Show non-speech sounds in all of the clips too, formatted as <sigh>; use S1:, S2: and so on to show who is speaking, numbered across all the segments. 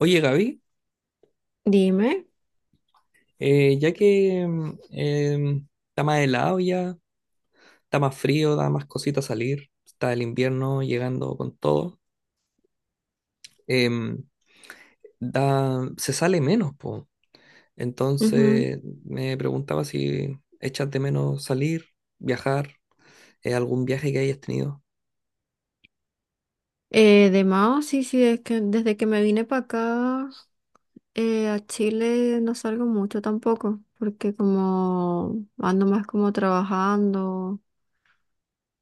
S1: Oye, Gaby,
S2: Dime,
S1: ya que está más helado ya, está más frío, da más cositas salir, está el invierno llegando con todo, em, da, se sale menos, po.
S2: ujú.
S1: Entonces me preguntaba si echas de menos salir, viajar, algún viaje que hayas tenido,
S2: De Mao, sí, sí, es que desde que me vine para acá a Chile no salgo mucho tampoco, porque como ando más como trabajando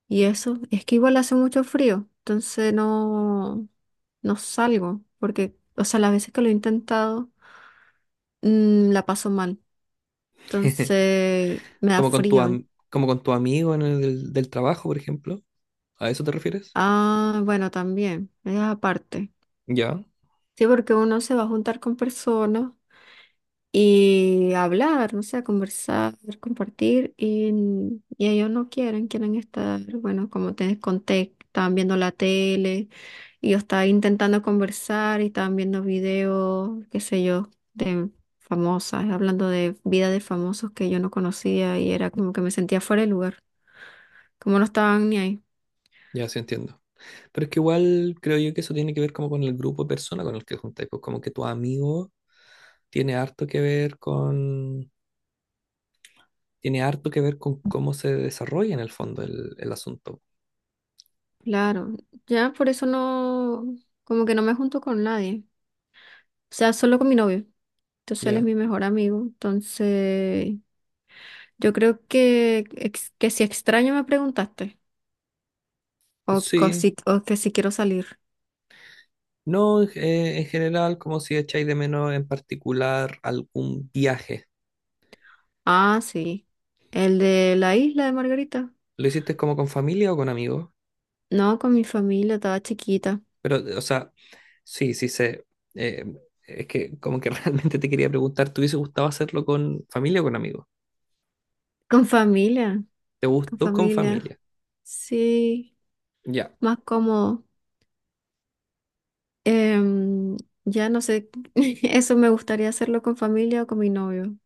S2: y eso, es que igual hace mucho frío, entonces no, no salgo, porque, o sea, las veces que lo he intentado la paso mal.
S1: <laughs>
S2: Entonces me da
S1: como con tu,
S2: frío.
S1: como con tu amigo en el del trabajo, por ejemplo. ¿A eso te refieres?
S2: Ah, bueno, también, es aparte.
S1: Ya,
S2: Sí, porque uno se va a juntar con personas y hablar, no sé, conversar, compartir, y ellos no quieren, quieren estar, bueno, como te conté, estaban viendo la tele, y yo estaba intentando conversar y estaban viendo videos, qué sé yo, de famosas, hablando de vida de famosos que yo no conocía y era como que me sentía fuera de lugar, como no estaban ni ahí.
S1: ya sí entiendo. Pero es que igual creo yo que eso tiene que ver como con el grupo de personas con el que juntáis, pues como que tu amigo tiene harto que ver tiene harto que ver con cómo se desarrolla en el fondo el asunto.
S2: Claro, ya por eso no, como que no me junto con nadie. O sea, solo con mi novio. Entonces él es
S1: Ya.
S2: mi mejor amigo. Entonces, yo creo que si extraño me preguntaste. O, co-
S1: Sí.
S2: si- o que si quiero salir.
S1: No, en en general, como si echáis de menos en particular algún viaje.
S2: Ah, sí. El de la Isla de Margarita.
S1: ¿Lo hiciste como con familia o con amigos?
S2: No, con mi familia, estaba chiquita.
S1: Pero, o sea, sí, sí sé. Eh, es que como que <laughs> realmente te quería preguntar, ¿te hubiese gustado hacerlo con familia o con amigos?
S2: Con familia,
S1: ¿Te
S2: con
S1: gustó con
S2: familia.
S1: familia?
S2: Sí,
S1: Ya.
S2: más cómodo. Em, ya no sé, <laughs> eso me gustaría hacerlo con familia o con mi novio.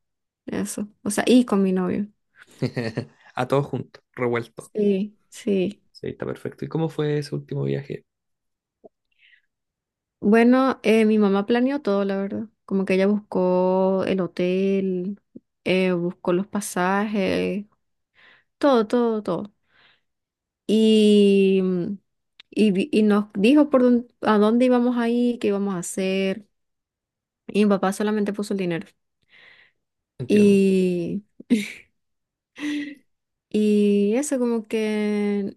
S2: Eso. O sea, y con mi novio.
S1: <laughs> A todos juntos, revueltos.
S2: Sí, sí.
S1: Sí, está perfecto. ¿Y cómo fue ese último viaje?
S2: Bueno, mi mamá planeó todo, la verdad. Como que ella buscó el hotel, buscó los pasajes, todo, todo, todo. Y, mm, y nos dijo a dónde íbamos a ir, qué íbamos a hacer. Y mi papá solamente puso el dinero.
S1: Entiendo.
S2: Y, <laughs> y eso, como que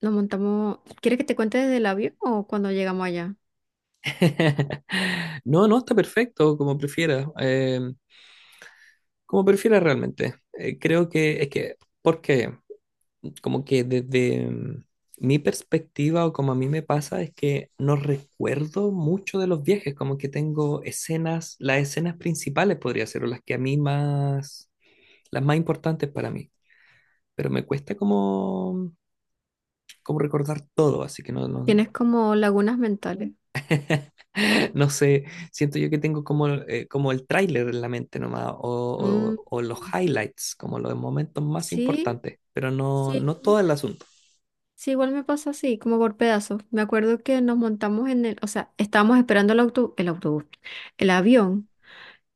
S2: nos montamos. ¿Quieres que te cuente desde el avión o cuando llegamos allá?
S1: <laughs> No, no, está perfecto, como prefieras realmente. Creo que es que, porque como que desde mi perspectiva o como a mí me pasa es que no recuerdo mucho de los viajes, como que tengo escenas, las escenas principales podría ser, o las que a mí más, las más importantes para mí. Pero me cuesta como recordar todo, así que
S2: Tienes como lagunas mentales.
S1: <laughs> No sé, siento yo que tengo como, como el tráiler en la mente nomás,
S2: Mm,
S1: o los highlights, como los momentos más
S2: sí,
S1: importantes, pero no, no
S2: sí.
S1: todo el asunto.
S2: Sí, igual me pasa así, como por pedazos. Me acuerdo que nos montamos en el, o sea, estábamos esperando el auto, el autobús, el avión,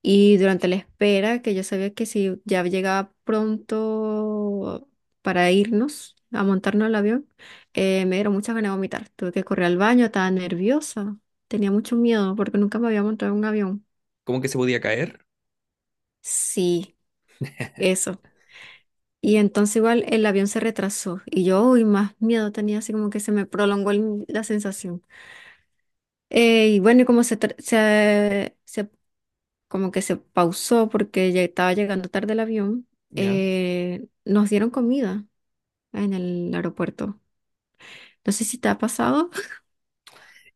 S2: y durante la espera, que yo sabía que si ya llegaba pronto para irnos a montarnos al avión, me dieron muchas ganas de vomitar. Tuve que correr al baño, estaba nerviosa, tenía mucho miedo porque nunca me había montado en un avión.
S1: Como que se podía caer,
S2: Sí, eso. Y entonces igual el avión se retrasó y yo, uy, más miedo tenía, así como que se me prolongó la sensación. Y bueno, y como se, tra- se- como que se pausó porque ya estaba llegando tarde el avión,
S1: ¿ya?
S2: nos dieron comida en el aeropuerto. No sé si te ha pasado. <laughs>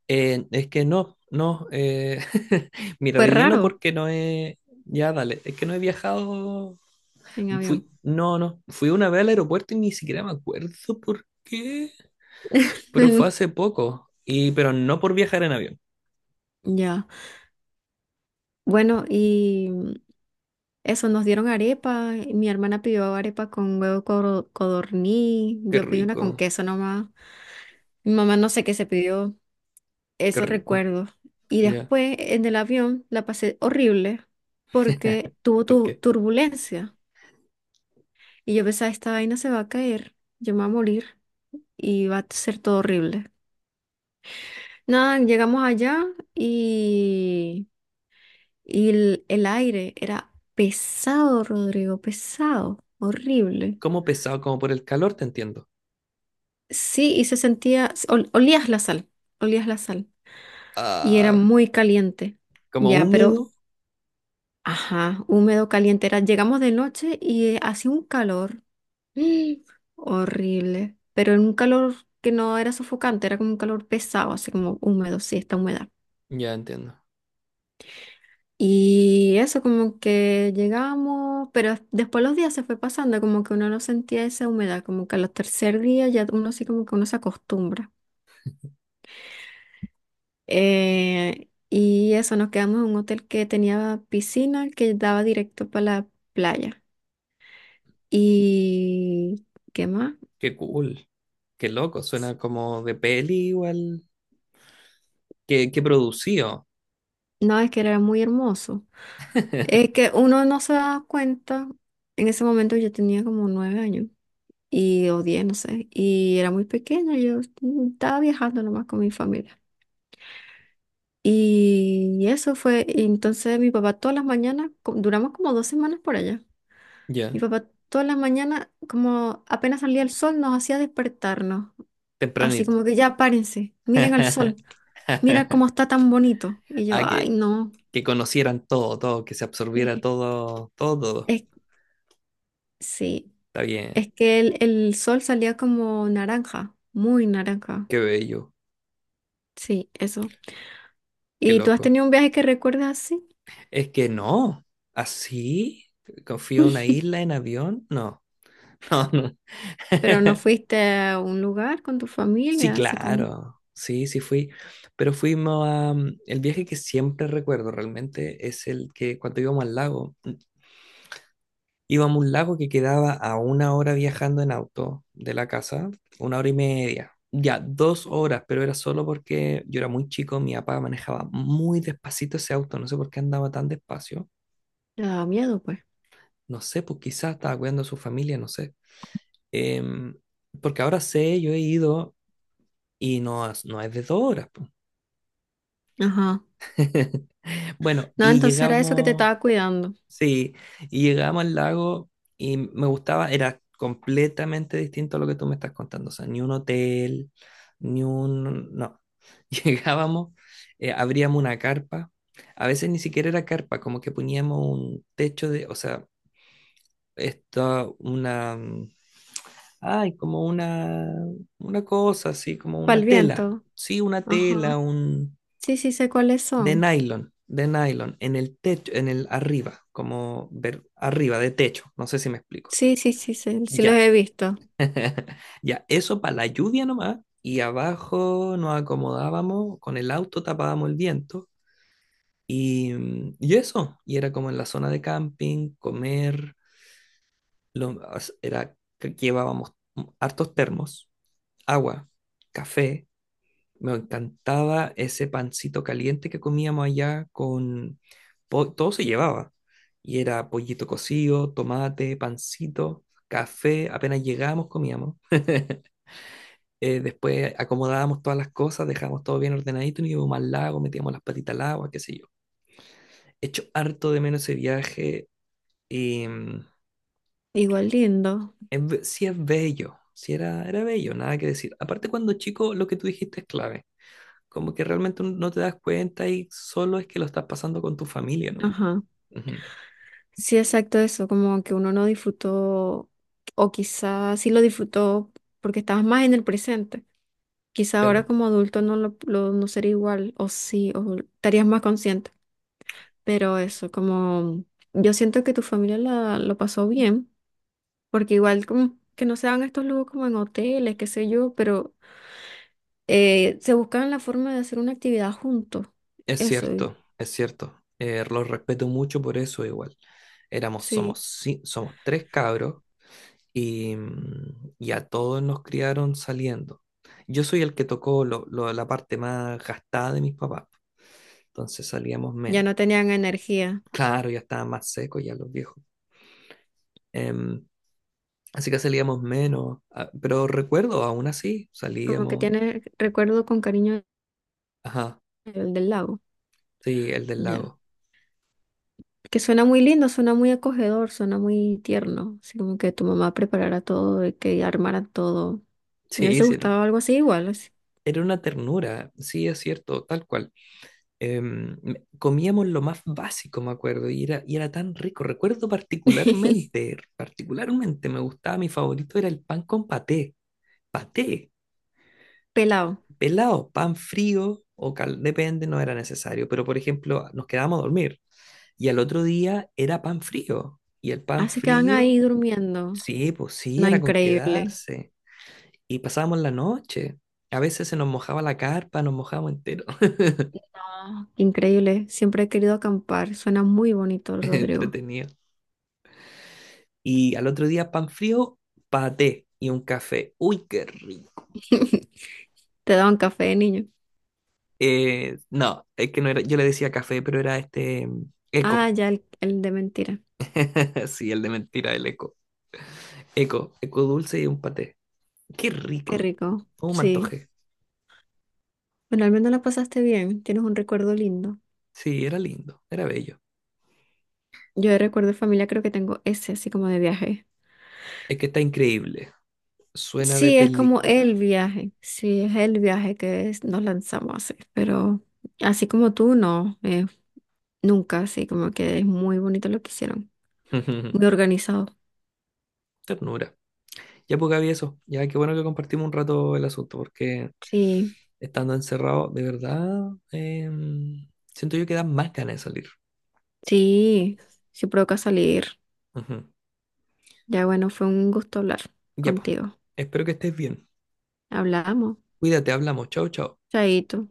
S1: Es que no, no, <laughs> mira,
S2: Fue
S1: de lleno
S2: raro
S1: porque no he, ya dale, es que no he viajado,
S2: en avión.
S1: fui, no, no, fui una vez al aeropuerto y ni siquiera me acuerdo por qué, pero fue hace
S2: <laughs>
S1: poco, y, pero no por viajar en avión.
S2: Ya. Bueno, y eso, nos dieron arepa. Y mi hermana pidió arepa con huevo codorniz.
S1: Qué
S2: Yo pedí una con
S1: rico,
S2: queso nomás. Mi mamá no sé qué se pidió.
S1: qué
S2: Eso
S1: rico,
S2: recuerdo. Y
S1: ya,
S2: después en el avión la pasé horrible porque tuvo tu
S1: porque
S2: turbulencia y yo pensaba, esta vaina se va a caer, yo me voy a morir y va a ser todo horrible. Nada, llegamos allá y, y el aire era pesado, Rodrigo, pesado, horrible.
S1: ¿cómo pesado? Como por el calor, te entiendo.
S2: Sí, y se sentía, olías la sal y era
S1: Ah,
S2: muy caliente.
S1: como
S2: Ya, pero
S1: húmedo,
S2: ajá, húmedo, caliente era. Llegamos de noche y hacía un calor ¡ih! Horrible, pero era un calor que no era sofocante, era como un calor pesado, así como húmedo, sí, está humedad.
S1: ya entiendo.
S2: Y eso como que llegamos, pero después los días se fue pasando, como que uno no sentía esa humedad, como que a los tercer día ya uno sí como que uno se acostumbra. Y eso, nos quedamos en un hotel que tenía piscina que daba directo para la playa. ¿Y qué más?
S1: Qué cool. Qué loco, suena como de peli igual. Qué, qué producido.
S2: No, es que era muy hermoso. Es
S1: <laughs>
S2: que uno no se da cuenta. En ese momento yo tenía como 9 años y o 10, no sé. Y era muy pequeña. Yo estaba viajando nomás con mi familia. Y eso fue. Y entonces mi papá todas las mañanas, duramos como 2 semanas por allá. Mi
S1: Ya,
S2: papá todas las mañanas, como apenas salía el sol, nos hacía despertarnos. Así
S1: tempranito.
S2: como que ya párense, miren al sol, mira
S1: <laughs>
S2: cómo está tan bonito. Y yo,
S1: Ah,
S2: ay, no.
S1: que conocieran todo, todo, que se absorbiera
S2: Sí.
S1: todo, todo, todo.
S2: Es, sí.
S1: Está bien.
S2: Es que el sol salía como naranja, muy naranja.
S1: Qué bello,
S2: Sí, eso.
S1: qué
S2: ¿Y tú has
S1: loco.
S2: tenido un viaje que recuerdas así?
S1: Es que no, así, confío en una
S2: <laughs>
S1: isla en avión, no, <laughs> no, no.
S2: Pero no
S1: <laughs>
S2: fuiste a un lugar con tu
S1: Sí,
S2: familia, así como
S1: claro, sí, sí fui, pero fuimos a... El viaje que siempre recuerdo realmente es el que cuando íbamos al lago, íbamos a un lago que quedaba a una hora viajando en auto de la casa, una hora y media, ya dos horas, pero era solo porque yo era muy chico, mi papá manejaba muy despacito ese auto, no sé por qué andaba tan despacio,
S2: te daba miedo, pues.
S1: no sé, pues quizás estaba cuidando a su familia, no sé. Em, Porque ahora sé, yo he ido y no, no es de dos horas, pues.
S2: Ajá.
S1: <laughs> Bueno,
S2: No,
S1: y
S2: entonces era eso que te
S1: llegamos,
S2: estaba cuidando.
S1: sí, y llegamos al lago y me gustaba, era completamente distinto a lo que tú me estás contando, o sea, ni un hotel, ni un, no, <laughs> llegábamos, abríamos una carpa, a veces ni siquiera era carpa, como que poníamos un techo de, o sea, esto, una, ay, como una cosa así, como
S2: Para el
S1: una tela,
S2: viento.
S1: sí, una
S2: Ajá.
S1: tela, un
S2: Sí, sí sé cuáles
S1: de
S2: son.
S1: nylon, de nylon, en el techo, en el arriba, como ver arriba de techo, no sé si me explico.
S2: Sí, sí, sí, sé, sí los
S1: Ya.
S2: he visto.
S1: <laughs> Ya, eso para la lluvia nomás. Y abajo nos acomodábamos, con el auto tapábamos el viento. Y, y eso, y era como en la zona de camping, comer, lo- era que llevábamos hartos termos, agua, café. Me encantaba ese pancito caliente que comíamos allá con... po- Todo se llevaba. Y era pollito cocido, tomate, pancito, café. Apenas llegábamos, comíamos. <laughs> Después acomodábamos todas las cosas, dejábamos todo bien ordenadito, nos íbamos al lago, metíamos las patitas al agua, qué sé yo. Hecho harto de menos ese viaje. Y
S2: Igual lindo.
S1: es sí es bello, sí era, era bello, nada que decir. Aparte cuando chico, lo que tú dijiste es clave. Como que realmente no te das cuenta y solo es que lo estás pasando con tu familia nomás.
S2: Ajá.
S1: Ujú.
S2: Sí, exacto eso, como que uno no disfrutó, o quizás sí lo disfrutó porque estabas más en el presente. Quizá ahora
S1: Claro,
S2: como adulto no no sería igual, o sí, o estarías más consciente. Pero eso, como yo siento que tu familia lo pasó bien, porque igual como que no se dan estos lujos como en hoteles, qué sé yo, pero se buscaban la forma de hacer una actividad juntos.
S1: es
S2: Eso, y
S1: cierto, es cierto. Los respeto mucho por eso igual. Éramos, somos,
S2: sí,
S1: ci- somos tres cabros y, y a todos nos criaron saliendo. Yo soy el que tocó la parte más gastada de mis papás, entonces salíamos
S2: ya
S1: menos.
S2: no tenían energía.
S1: Claro, ya estaban más secos ya los viejos. Em, Así que salíamos menos, ah, pero recuerdo, aún así,
S2: Como que
S1: salíamos.
S2: tiene recuerdo con cariño
S1: Ajá.
S2: el del lago,
S1: Sí, el del
S2: ya.
S1: lago.
S2: Que suena muy lindo, suena muy acogedor, suena muy tierno, así como que tu mamá preparara todo y que armara todo. Me
S1: Sí,
S2: hubiese
S1: sí, era
S2: gustado algo así igual, así.
S1: era una ternura, sí, es cierto, tal cual. Comíamos lo más básico, me acuerdo, y y era tan rico. Recuerdo
S2: <laughs>
S1: particularmente me gustaba, mi favorito era el pan con paté, paté,
S2: Pelado.
S1: pelado, pan frío o cal, depende, no era necesario, pero por ejemplo, nos quedábamos a dormir y al otro día era pan frío, y el pan
S2: Así quedan ahí
S1: frío,
S2: durmiendo.
S1: sí, pues sí,
S2: No,
S1: era con
S2: increíble.
S1: quedarse. Y pasábamos la noche. A veces se nos mojaba la carpa, nos mojábamos entero,
S2: No, increíble. Siempre he querido acampar. Suena muy bonito,
S1: <laughs>
S2: Rodrigo.
S1: entretenido. Y al otro día pan frío, paté y un café. Uy, qué rico.
S2: <laughs> Te daban café niño.
S1: No, es que no era, yo le decía café, pero era este
S2: Ah,
S1: eco.
S2: ya el de mentira.
S1: <laughs> Sí, el de mentira, el eco. Eco, eco dulce y un paté. Qué
S2: Qué
S1: rico.
S2: rico.
S1: ¿Cómo me
S2: Sí.
S1: antojé?
S2: Bueno, al menos la pasaste bien. Tienes un recuerdo lindo.
S1: Sí, era lindo, era bello.
S2: Yo de recuerdo de familia creo que tengo ese, así como de viaje.
S1: Es que está increíble. Suena de
S2: Sí, es como el
S1: película.
S2: viaje. Sí, es el viaje que nos lanzamos a hacer. Pero así como tú, no. Nunca, sí, como que es muy bonito lo que hicieron. Muy
S1: <laughs>
S2: organizado.
S1: Ternura. Ya pues Gaby, eso. Ya qué bueno que compartimos un rato el asunto, porque
S2: Sí,
S1: estando encerrado, de verdad, em, siento yo que dan más ganas de salir.
S2: sí, sí provoca salir.
S1: Ujú.
S2: Ya bueno, fue un gusto hablar
S1: Ya, pues.
S2: contigo.
S1: Espero que estés bien.
S2: Hablamos.
S1: Cuídate, hablamos. Chao, chao.
S2: Chaito.